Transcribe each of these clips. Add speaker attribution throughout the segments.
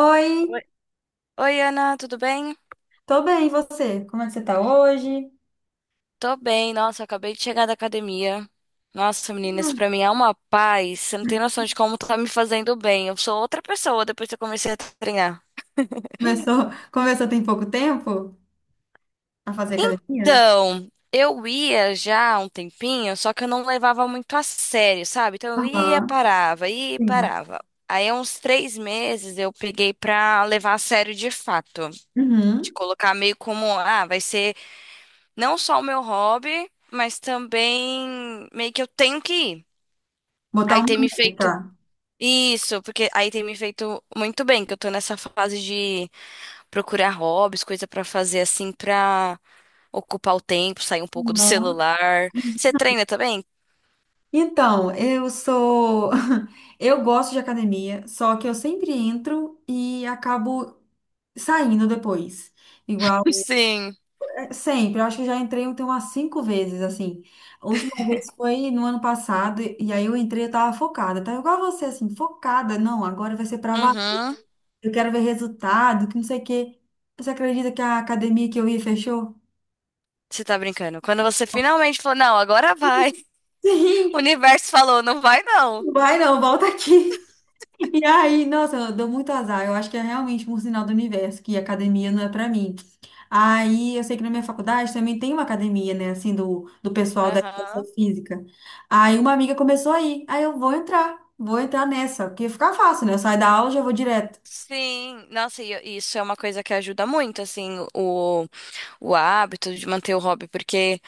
Speaker 1: Oi,
Speaker 2: Oi, oi, Ana, tudo bem?
Speaker 1: tô bem, e você? Como é que você tá hoje?
Speaker 2: Tô bem, nossa, acabei de chegar da academia. Nossa, menina, isso
Speaker 1: Hum.
Speaker 2: pra mim é uma paz. Você não tem noção de como tá me fazendo bem. Eu sou outra pessoa depois que eu comecei a treinar.
Speaker 1: Começou tem pouco tempo a fazer academia?
Speaker 2: Então, eu ia já há um tempinho, só que eu não levava muito a sério, sabe? Então eu ia,
Speaker 1: Aham,
Speaker 2: parava, ia e
Speaker 1: sim.
Speaker 2: parava. Aí, há uns três meses, eu peguei pra levar a sério de fato. De
Speaker 1: Uhum.
Speaker 2: colocar meio como, ah, vai ser. Não só o meu hobby, mas também meio que eu tenho que ir.
Speaker 1: Botar
Speaker 2: Aí
Speaker 1: uma
Speaker 2: tem me feito
Speaker 1: meta.
Speaker 2: isso, porque aí tem me feito muito bem, que eu tô nessa fase de procurar hobbies, coisa pra fazer assim pra ocupar o tempo, sair um pouco do
Speaker 1: Aham.
Speaker 2: celular. Você treina também?
Speaker 1: Então, eu sou. Eu gosto de academia, só que eu sempre entro e acabo saindo depois. Igual.
Speaker 2: Sim.
Speaker 1: Sempre, eu acho que eu já entrei tem umas cinco vezes, assim. A última vez foi no ano passado, e aí eu entrei, eu tava focada, tá igual você, assim, focada. Não, agora vai ser pra valer,
Speaker 2: Uhum.
Speaker 1: eu quero ver resultado, que não sei o quê. Você acredita que a academia que eu ia fechou?
Speaker 2: Você tá brincando. Quando você finalmente falou, não, agora vai. O
Speaker 1: Sim,
Speaker 2: universo falou, não vai não.
Speaker 1: vai não, volta aqui. E aí, nossa, eu dou muito azar. Eu acho que é realmente um sinal do universo que academia não é pra mim. Aí, eu sei que na minha faculdade também tem uma academia, né, assim, do pessoal da educação
Speaker 2: Aham.
Speaker 1: física. Aí, uma amiga começou a ir. Aí, vou entrar nessa, porque fica fácil, né? Eu saio da aula e já vou direto.
Speaker 2: Sim. Nossa, e isso é uma coisa que ajuda muito, assim, o hábito de manter o hobby, porque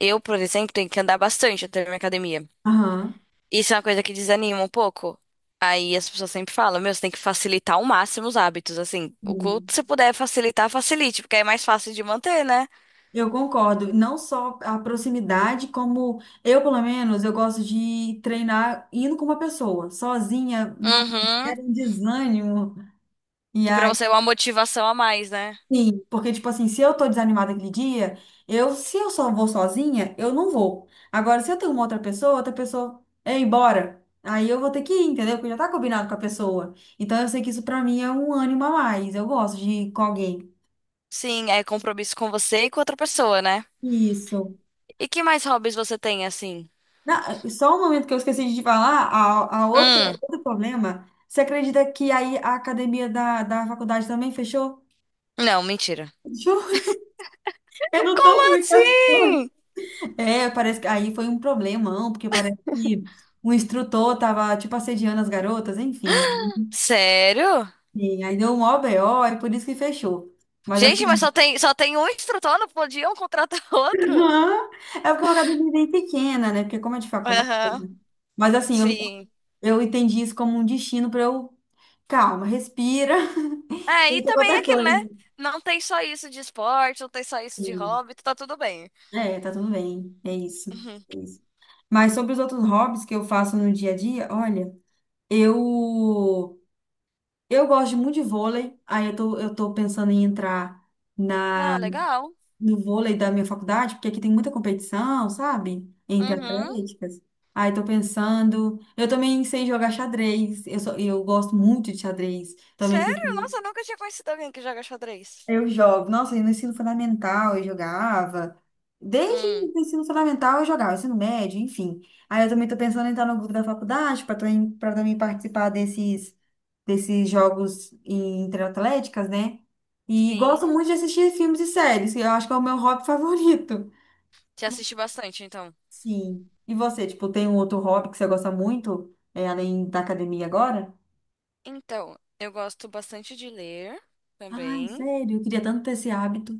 Speaker 2: eu, por exemplo, tenho que andar bastante até a minha academia.
Speaker 1: Aham.
Speaker 2: Isso é uma coisa que desanima um pouco. Aí as pessoas sempre falam, meu, você tem que facilitar ao máximo os hábitos, assim, o
Speaker 1: Sim.
Speaker 2: quanto você puder facilitar, facilite, porque aí é mais fácil de manter, né?
Speaker 1: Eu concordo. Não só a proximidade, como eu, pelo menos, eu gosto de treinar indo com uma pessoa, sozinha. Nossa,
Speaker 2: Uhum.
Speaker 1: era um desânimo. E
Speaker 2: Que pra
Speaker 1: aí,
Speaker 2: você é uma motivação a mais, né?
Speaker 1: sim, porque, tipo assim, se eu tô desanimada aquele dia, eu, se eu só vou sozinha, eu não vou. Agora, se eu tenho uma outra pessoa é embora, aí eu vou ter que ir, entendeu? Porque já tá combinado com a pessoa. Então, eu sei que isso pra mim é um ânimo a mais. Eu gosto de ir com alguém.
Speaker 2: Sim, é compromisso com você e com outra pessoa, né?
Speaker 1: Isso.
Speaker 2: E que mais hobbies você tem, assim?
Speaker 1: Na- só um momento que eu esqueci de te falar, a outra,
Speaker 2: Hum,
Speaker 1: outro problema, você acredita que aí a academia da faculdade também fechou?
Speaker 2: não, mentira.
Speaker 1: Fechou? Eu não tô
Speaker 2: Como
Speaker 1: muito...
Speaker 2: assim?
Speaker 1: É, parece que aí foi um problemão, porque parece que o instrutor tava, tipo, assediando as garotas, enfim.
Speaker 2: Sério?
Speaker 1: E aí deu um maior BO, é por isso que fechou. Mas
Speaker 2: Gente, mas
Speaker 1: assim,
Speaker 2: só tem um instrutor, não podiam contratar outro?
Speaker 1: aham, é porque é uma academia bem pequena, né? Porque como é de faculdade,
Speaker 2: Aham,
Speaker 1: né? Mas assim,
Speaker 2: sim.
Speaker 1: eu entendi isso como um destino para eu, calma, respira,
Speaker 2: É, e
Speaker 1: pensa em
Speaker 2: também é
Speaker 1: outra
Speaker 2: aquilo, né?
Speaker 1: coisa.
Speaker 2: Não tem só isso de esporte, não tem só isso
Speaker 1: E,
Speaker 2: de hobby, tá tudo bem.
Speaker 1: é, tá tudo bem, é isso,
Speaker 2: Uhum.
Speaker 1: é isso. Mas sobre os outros hobbies que eu faço no dia a dia, olha, eu Eu gosto muito de vôlei, aí eu tô pensando em entrar
Speaker 2: Ah,
Speaker 1: na,
Speaker 2: legal.
Speaker 1: no vôlei da minha faculdade, porque aqui tem muita competição, sabe? Entre
Speaker 2: Uhum.
Speaker 1: atléticas. Aí tô pensando. Eu também sei jogar xadrez, eu gosto muito de xadrez. Também
Speaker 2: Sério?
Speaker 1: pensei
Speaker 2: Nossa, eu nunca tinha conhecido alguém que joga xadrez.
Speaker 1: eu jogo. Nossa, e no ensino fundamental eu jogava. Desde
Speaker 2: Hum,
Speaker 1: o ensino fundamental eu jogava, ensino médio, enfim. Aí eu também tô pensando em entrar no grupo da faculdade para também participar desses, desses jogos em- interatléticas, né? E gosto
Speaker 2: sim.
Speaker 1: muito de assistir filmes e séries, que eu acho que é o meu hobby favorito.
Speaker 2: Te assisti bastante, então.
Speaker 1: Sim. E você, tipo, tem um outro hobby que você gosta muito, é, além da academia agora?
Speaker 2: Então, eu gosto bastante de ler
Speaker 1: Ai,
Speaker 2: também.
Speaker 1: sério, eu queria tanto ter esse hábito.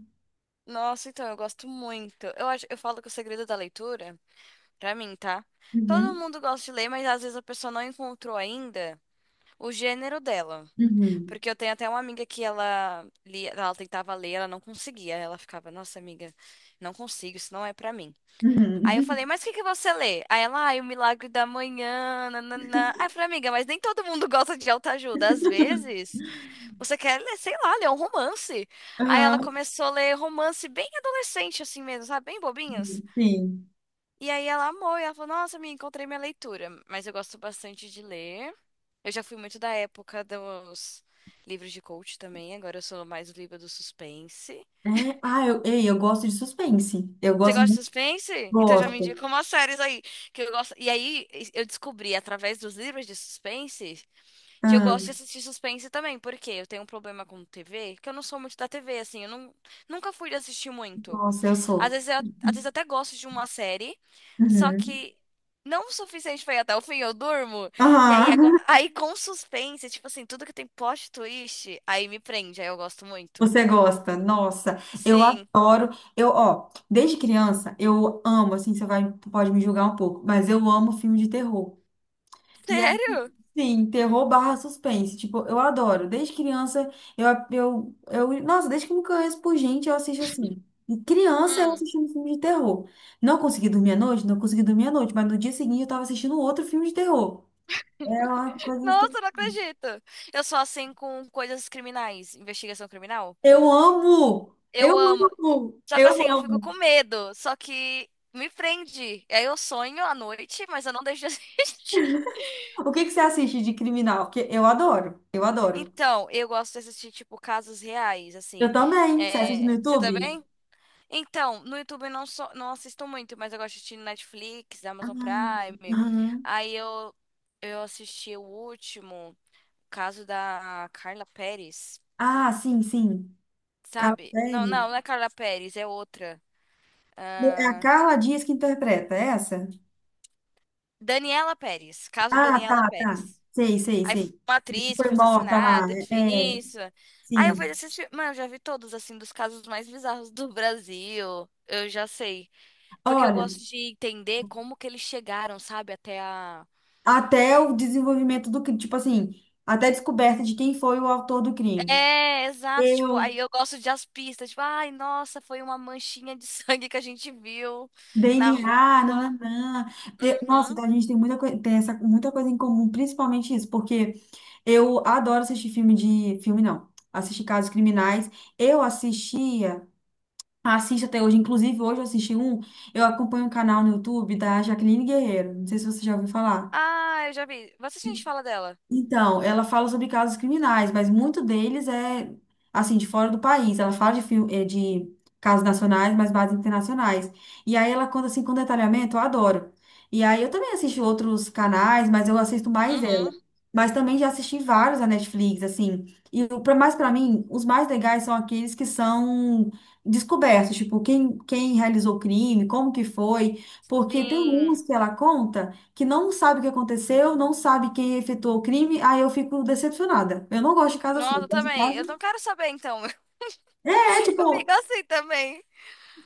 Speaker 2: Nossa, então, eu gosto muito. Eu acho, eu falo que o segredo da leitura. Pra mim, tá? Todo
Speaker 1: Uhum,
Speaker 2: mundo gosta de ler, mas às vezes a pessoa não encontrou ainda o gênero dela.
Speaker 1: uhum,
Speaker 2: Porque eu tenho até uma amiga que ela lia, ela tentava ler, ela não conseguia. Ela ficava, nossa amiga, não consigo, isso não é pra mim. Aí eu
Speaker 1: uhum.
Speaker 2: falei, mas o que que você lê? Aí ela, ai, o Milagre da Manhã, nananã. Aí eu falei, amiga, mas nem todo mundo gosta de autoajuda. Às vezes, você quer ler, sei lá, ler um romance. Aí ela
Speaker 1: Aham.
Speaker 2: começou a ler romance bem adolescente, assim mesmo, sabe? Bem bobinhos.
Speaker 1: Sim.
Speaker 2: E aí ela amou e ela falou: nossa, me encontrei minha leitura, mas eu gosto bastante de ler. Eu já fui muito da época dos livros de coach também, agora eu sou mais livro do suspense.
Speaker 1: É, ah, eu gosto de suspense. Eu
Speaker 2: Você
Speaker 1: gosto
Speaker 2: gosta de
Speaker 1: muito.
Speaker 2: suspense? Então já me
Speaker 1: Gosto.
Speaker 2: indica umas séries aí que eu gosto. E aí eu descobri através dos livros de suspense que eu gosto
Speaker 1: Ah,
Speaker 2: de assistir suspense também, porque eu tenho um problema com TV, que eu não sou, muito da TV assim, eu não, nunca fui de assistir muito.
Speaker 1: nossa, eu
Speaker 2: Às
Speaker 1: sou.
Speaker 2: vezes às vezes eu até gosto de uma série, só
Speaker 1: Uhum.
Speaker 2: que não o suficiente pra ir até o fim, eu durmo. E aí agora,
Speaker 1: Ah,
Speaker 2: aí com suspense, tipo assim, tudo que tem plot twist, aí me prende, aí eu gosto muito.
Speaker 1: você gosta? Nossa, eu
Speaker 2: Sim.
Speaker 1: adoro. Eu, ó, desde criança, eu amo, assim, você vai, pode me julgar um pouco, mas eu amo filme de terror. E aí,
Speaker 2: Sério?
Speaker 1: sim, terror barra suspense. Tipo, eu adoro. Desde criança, eu, eu. Nossa, desde que eu me conheço por gente, eu assisto assim. E criança, eu
Speaker 2: Hum.
Speaker 1: assistindo filme de terror. Não consegui dormir à noite? Não consegui dormir à noite, mas no dia seguinte eu tava assistindo outro filme de terror. É uma coisa assim-
Speaker 2: Nossa, não acredito. Eu sou assim com coisas criminais, investigação criminal.
Speaker 1: Eu amo! Eu
Speaker 2: Eu amo.
Speaker 1: amo!
Speaker 2: Só que assim,
Speaker 1: Eu
Speaker 2: eu fico com
Speaker 1: amo!
Speaker 2: medo, só que me prende. Aí eu sonho à noite, mas eu não deixo de assistir.
Speaker 1: O que que você assiste de criminal? Porque eu adoro. Eu adoro.
Speaker 2: Então, eu gosto de assistir, tipo, casos reais,
Speaker 1: Eu
Speaker 2: assim.
Speaker 1: também. Você assiste no
Speaker 2: É, você
Speaker 1: YouTube?
Speaker 2: também? Então, no YouTube eu não, sou, não assisto muito, mas eu gosto de assistir no Netflix,
Speaker 1: Ah,
Speaker 2: Amazon Prime.
Speaker 1: aham.
Speaker 2: Aí eu, eu assisti o último, o caso da Carla Pérez,
Speaker 1: Ah, sim, sim.
Speaker 2: sabe?
Speaker 1: Carrossel.
Speaker 2: Não é Carla Pérez, é outra.
Speaker 1: É a Carla Dias que interpreta, é essa?
Speaker 2: Daniela Pérez, caso
Speaker 1: Ah,
Speaker 2: Daniela
Speaker 1: tá, tá.
Speaker 2: Pérez.
Speaker 1: Sei, sei,
Speaker 2: Aí foi
Speaker 1: sei.
Speaker 2: uma
Speaker 1: Que
Speaker 2: atriz que
Speaker 1: foi
Speaker 2: foi
Speaker 1: morta lá.
Speaker 2: assassinada,
Speaker 1: É,
Speaker 2: enfim,
Speaker 1: é,
Speaker 2: isso. Aí eu
Speaker 1: sim.
Speaker 2: vejo esses filmes. Mano, eu já vi todos, assim, dos casos mais bizarros do Brasil. Eu já sei. Porque eu
Speaker 1: Olha,
Speaker 2: gosto de entender como que eles chegaram, sabe, até a.
Speaker 1: até o desenvolvimento do crime, tipo assim, até a descoberta de quem foi o autor do crime.
Speaker 2: É, exato. Tipo,
Speaker 1: Eu,
Speaker 2: aí eu gosto de as pistas. Tipo, ai, nossa, foi uma manchinha de sangue que a gente viu na rua.
Speaker 1: DNA, nananã. Eu- nossa,
Speaker 2: Uhum.
Speaker 1: então a gente tem muita coisa, tem essa, muita coisa em comum, principalmente isso, porque eu adoro assistir filme de, filme não, assistir casos criminais. Eu assistia assisto até hoje. Inclusive, hoje eu assisti um. Eu acompanho um canal no YouTube da Jaqueline Guerreiro. Não sei se você já ouviu falar.
Speaker 2: Ah, eu já vi. Você a gente fala dela?
Speaker 1: Então, ela fala sobre casos criminais, mas muito deles é, assim, de fora do país. Ela fala de, fil- eh, de casos nacionais, mas bases internacionais. E aí ela conta, assim, com detalhamento, eu adoro. E aí eu também assisto outros canais, mas eu assisto mais ela.
Speaker 2: Uhum.
Speaker 1: Mas também já assisti vários da Netflix, assim. E o pra- mas para mim, os mais legais são aqueles que são descobertos, tipo, quem realizou o crime, como que foi. Porque tem uns
Speaker 2: Sim.
Speaker 1: que ela conta que não sabe o que aconteceu, não sabe quem efetuou o crime, aí eu fico decepcionada. Eu não gosto de casa assim. Eu
Speaker 2: Nossa, eu
Speaker 1: gosto de
Speaker 2: também.
Speaker 1: casa.
Speaker 2: Eu não quero saber, então.
Speaker 1: É,
Speaker 2: Eu fico
Speaker 1: tipo,
Speaker 2: assim também.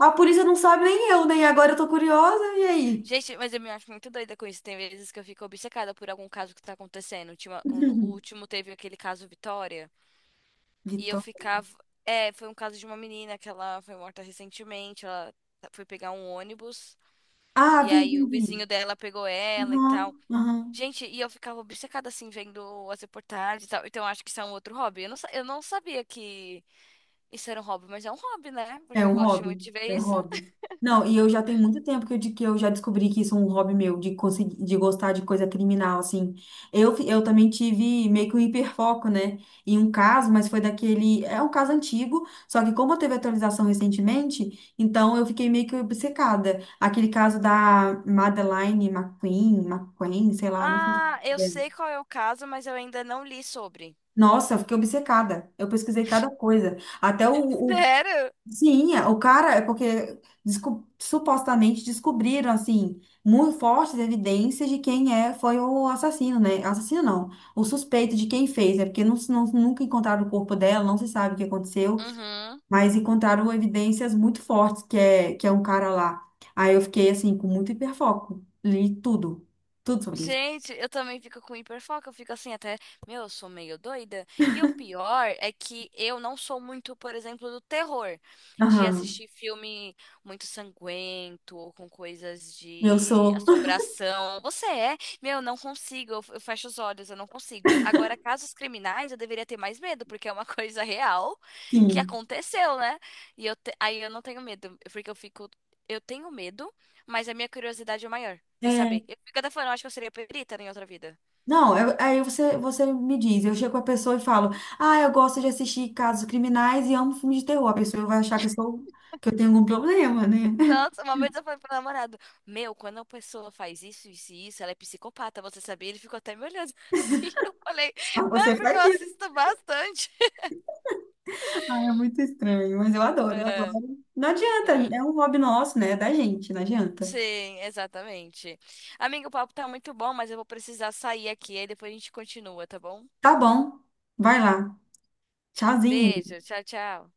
Speaker 1: a polícia não sabe nem eu, nem agora eu tô curiosa, e aí?
Speaker 2: Gente, mas eu me acho muito doida com isso. Tem vezes que eu fico obcecada por algum caso que tá acontecendo. Ultima- O no- o último teve aquele caso Vitória. E eu
Speaker 1: Vitor.
Speaker 2: ficava. É, foi um caso de uma menina que ela foi morta recentemente. Ela foi pegar um ônibus.
Speaker 1: Ah,
Speaker 2: E
Speaker 1: vi,
Speaker 2: aí
Speaker 1: vi,
Speaker 2: o
Speaker 1: vi.
Speaker 2: vizinho dela pegou ela e tal.
Speaker 1: Aham, aham.
Speaker 2: Gente, e eu ficava obcecada assim, vendo as reportagens e tal. Então acho que isso é um outro hobby. Eu não sabia que. Isso era um hobby, mas é um hobby, né?
Speaker 1: É
Speaker 2: Porque eu
Speaker 1: um
Speaker 2: gosto
Speaker 1: hobby,
Speaker 2: muito de ver
Speaker 1: é um
Speaker 2: isso.
Speaker 1: hobby. Não, e eu já tenho muito tempo que eu, de- que eu já descobri que isso é um hobby meu, de conseguir, de gostar de coisa criminal, assim. Eu, fi- eu também tive meio que um hiperfoco, né, em um caso, mas foi daquele, é um caso antigo, só que como teve atualização recentemente, então eu fiquei meio que obcecada. Aquele caso da Madeleine sei lá, não
Speaker 2: Ah, eu
Speaker 1: sei.
Speaker 2: sei qual é o caso, mas eu ainda não li sobre.
Speaker 1: Nossa, eu fiquei obcecada. Eu pesquisei cada coisa. Até o,
Speaker 2: Sério?
Speaker 1: sim, é, o cara é porque desco- supostamente descobriram assim muito fortes evidências de quem é foi o assassino, né? Assassino não, o suspeito de quem fez, né? Porque não, se- não- nunca encontraram o corpo dela, não se sabe o que aconteceu,
Speaker 2: Uhum.
Speaker 1: mas encontraram evidências muito fortes que é um cara lá. Aí eu fiquei assim com muito hiperfoco, li tudo, tudo sobre isso.
Speaker 2: Gente, eu também fico com hiperfoco, eu fico assim até, meu, eu sou meio doida. E o pior é que eu não sou muito, por exemplo, do terror, de
Speaker 1: Aham,
Speaker 2: assistir filme muito sanguento ou com coisas
Speaker 1: eu
Speaker 2: de
Speaker 1: sou,
Speaker 2: assombração. Você é? Meu, eu não consigo, eu fecho os olhos, eu não consigo. Agora, casos criminais, eu deveria ter mais medo, porque é uma coisa real que
Speaker 1: sim.
Speaker 2: aconteceu, né? E aí eu não tenho medo, porque eu fico, eu tenho medo, mas a minha curiosidade é maior em
Speaker 1: É
Speaker 2: saber. Eu fico até falando, eu acho que eu seria perita né, em outra vida.
Speaker 1: não, eu- aí você me diz, eu chego com a pessoa e falo, ah, eu gosto de assistir casos criminais e amo filmes de terror. A pessoa vai achar que eu sou, que eu tenho algum problema, né?
Speaker 2: Nossa, uma vez eu falei pro namorado, meu, quando a pessoa faz isso, isso e isso, ela é psicopata, você sabia? Ele ficou até me olhando assim. Eu falei, não, é
Speaker 1: Você
Speaker 2: porque
Speaker 1: faz
Speaker 2: eu
Speaker 1: isso,
Speaker 2: assisto bastante.
Speaker 1: ah, é muito estranho, mas eu adoro, eu
Speaker 2: É,
Speaker 1: adoro. Não adianta,
Speaker 2: é.
Speaker 1: é um hobby nosso, né? É da gente, não adianta.
Speaker 2: Sim, exatamente. Amigo, o papo tá muito bom, mas eu vou precisar sair aqui, aí depois a gente continua, tá bom?
Speaker 1: Tá bom, vai lá. Tchauzinho.
Speaker 2: Beijo, tchau, tchau.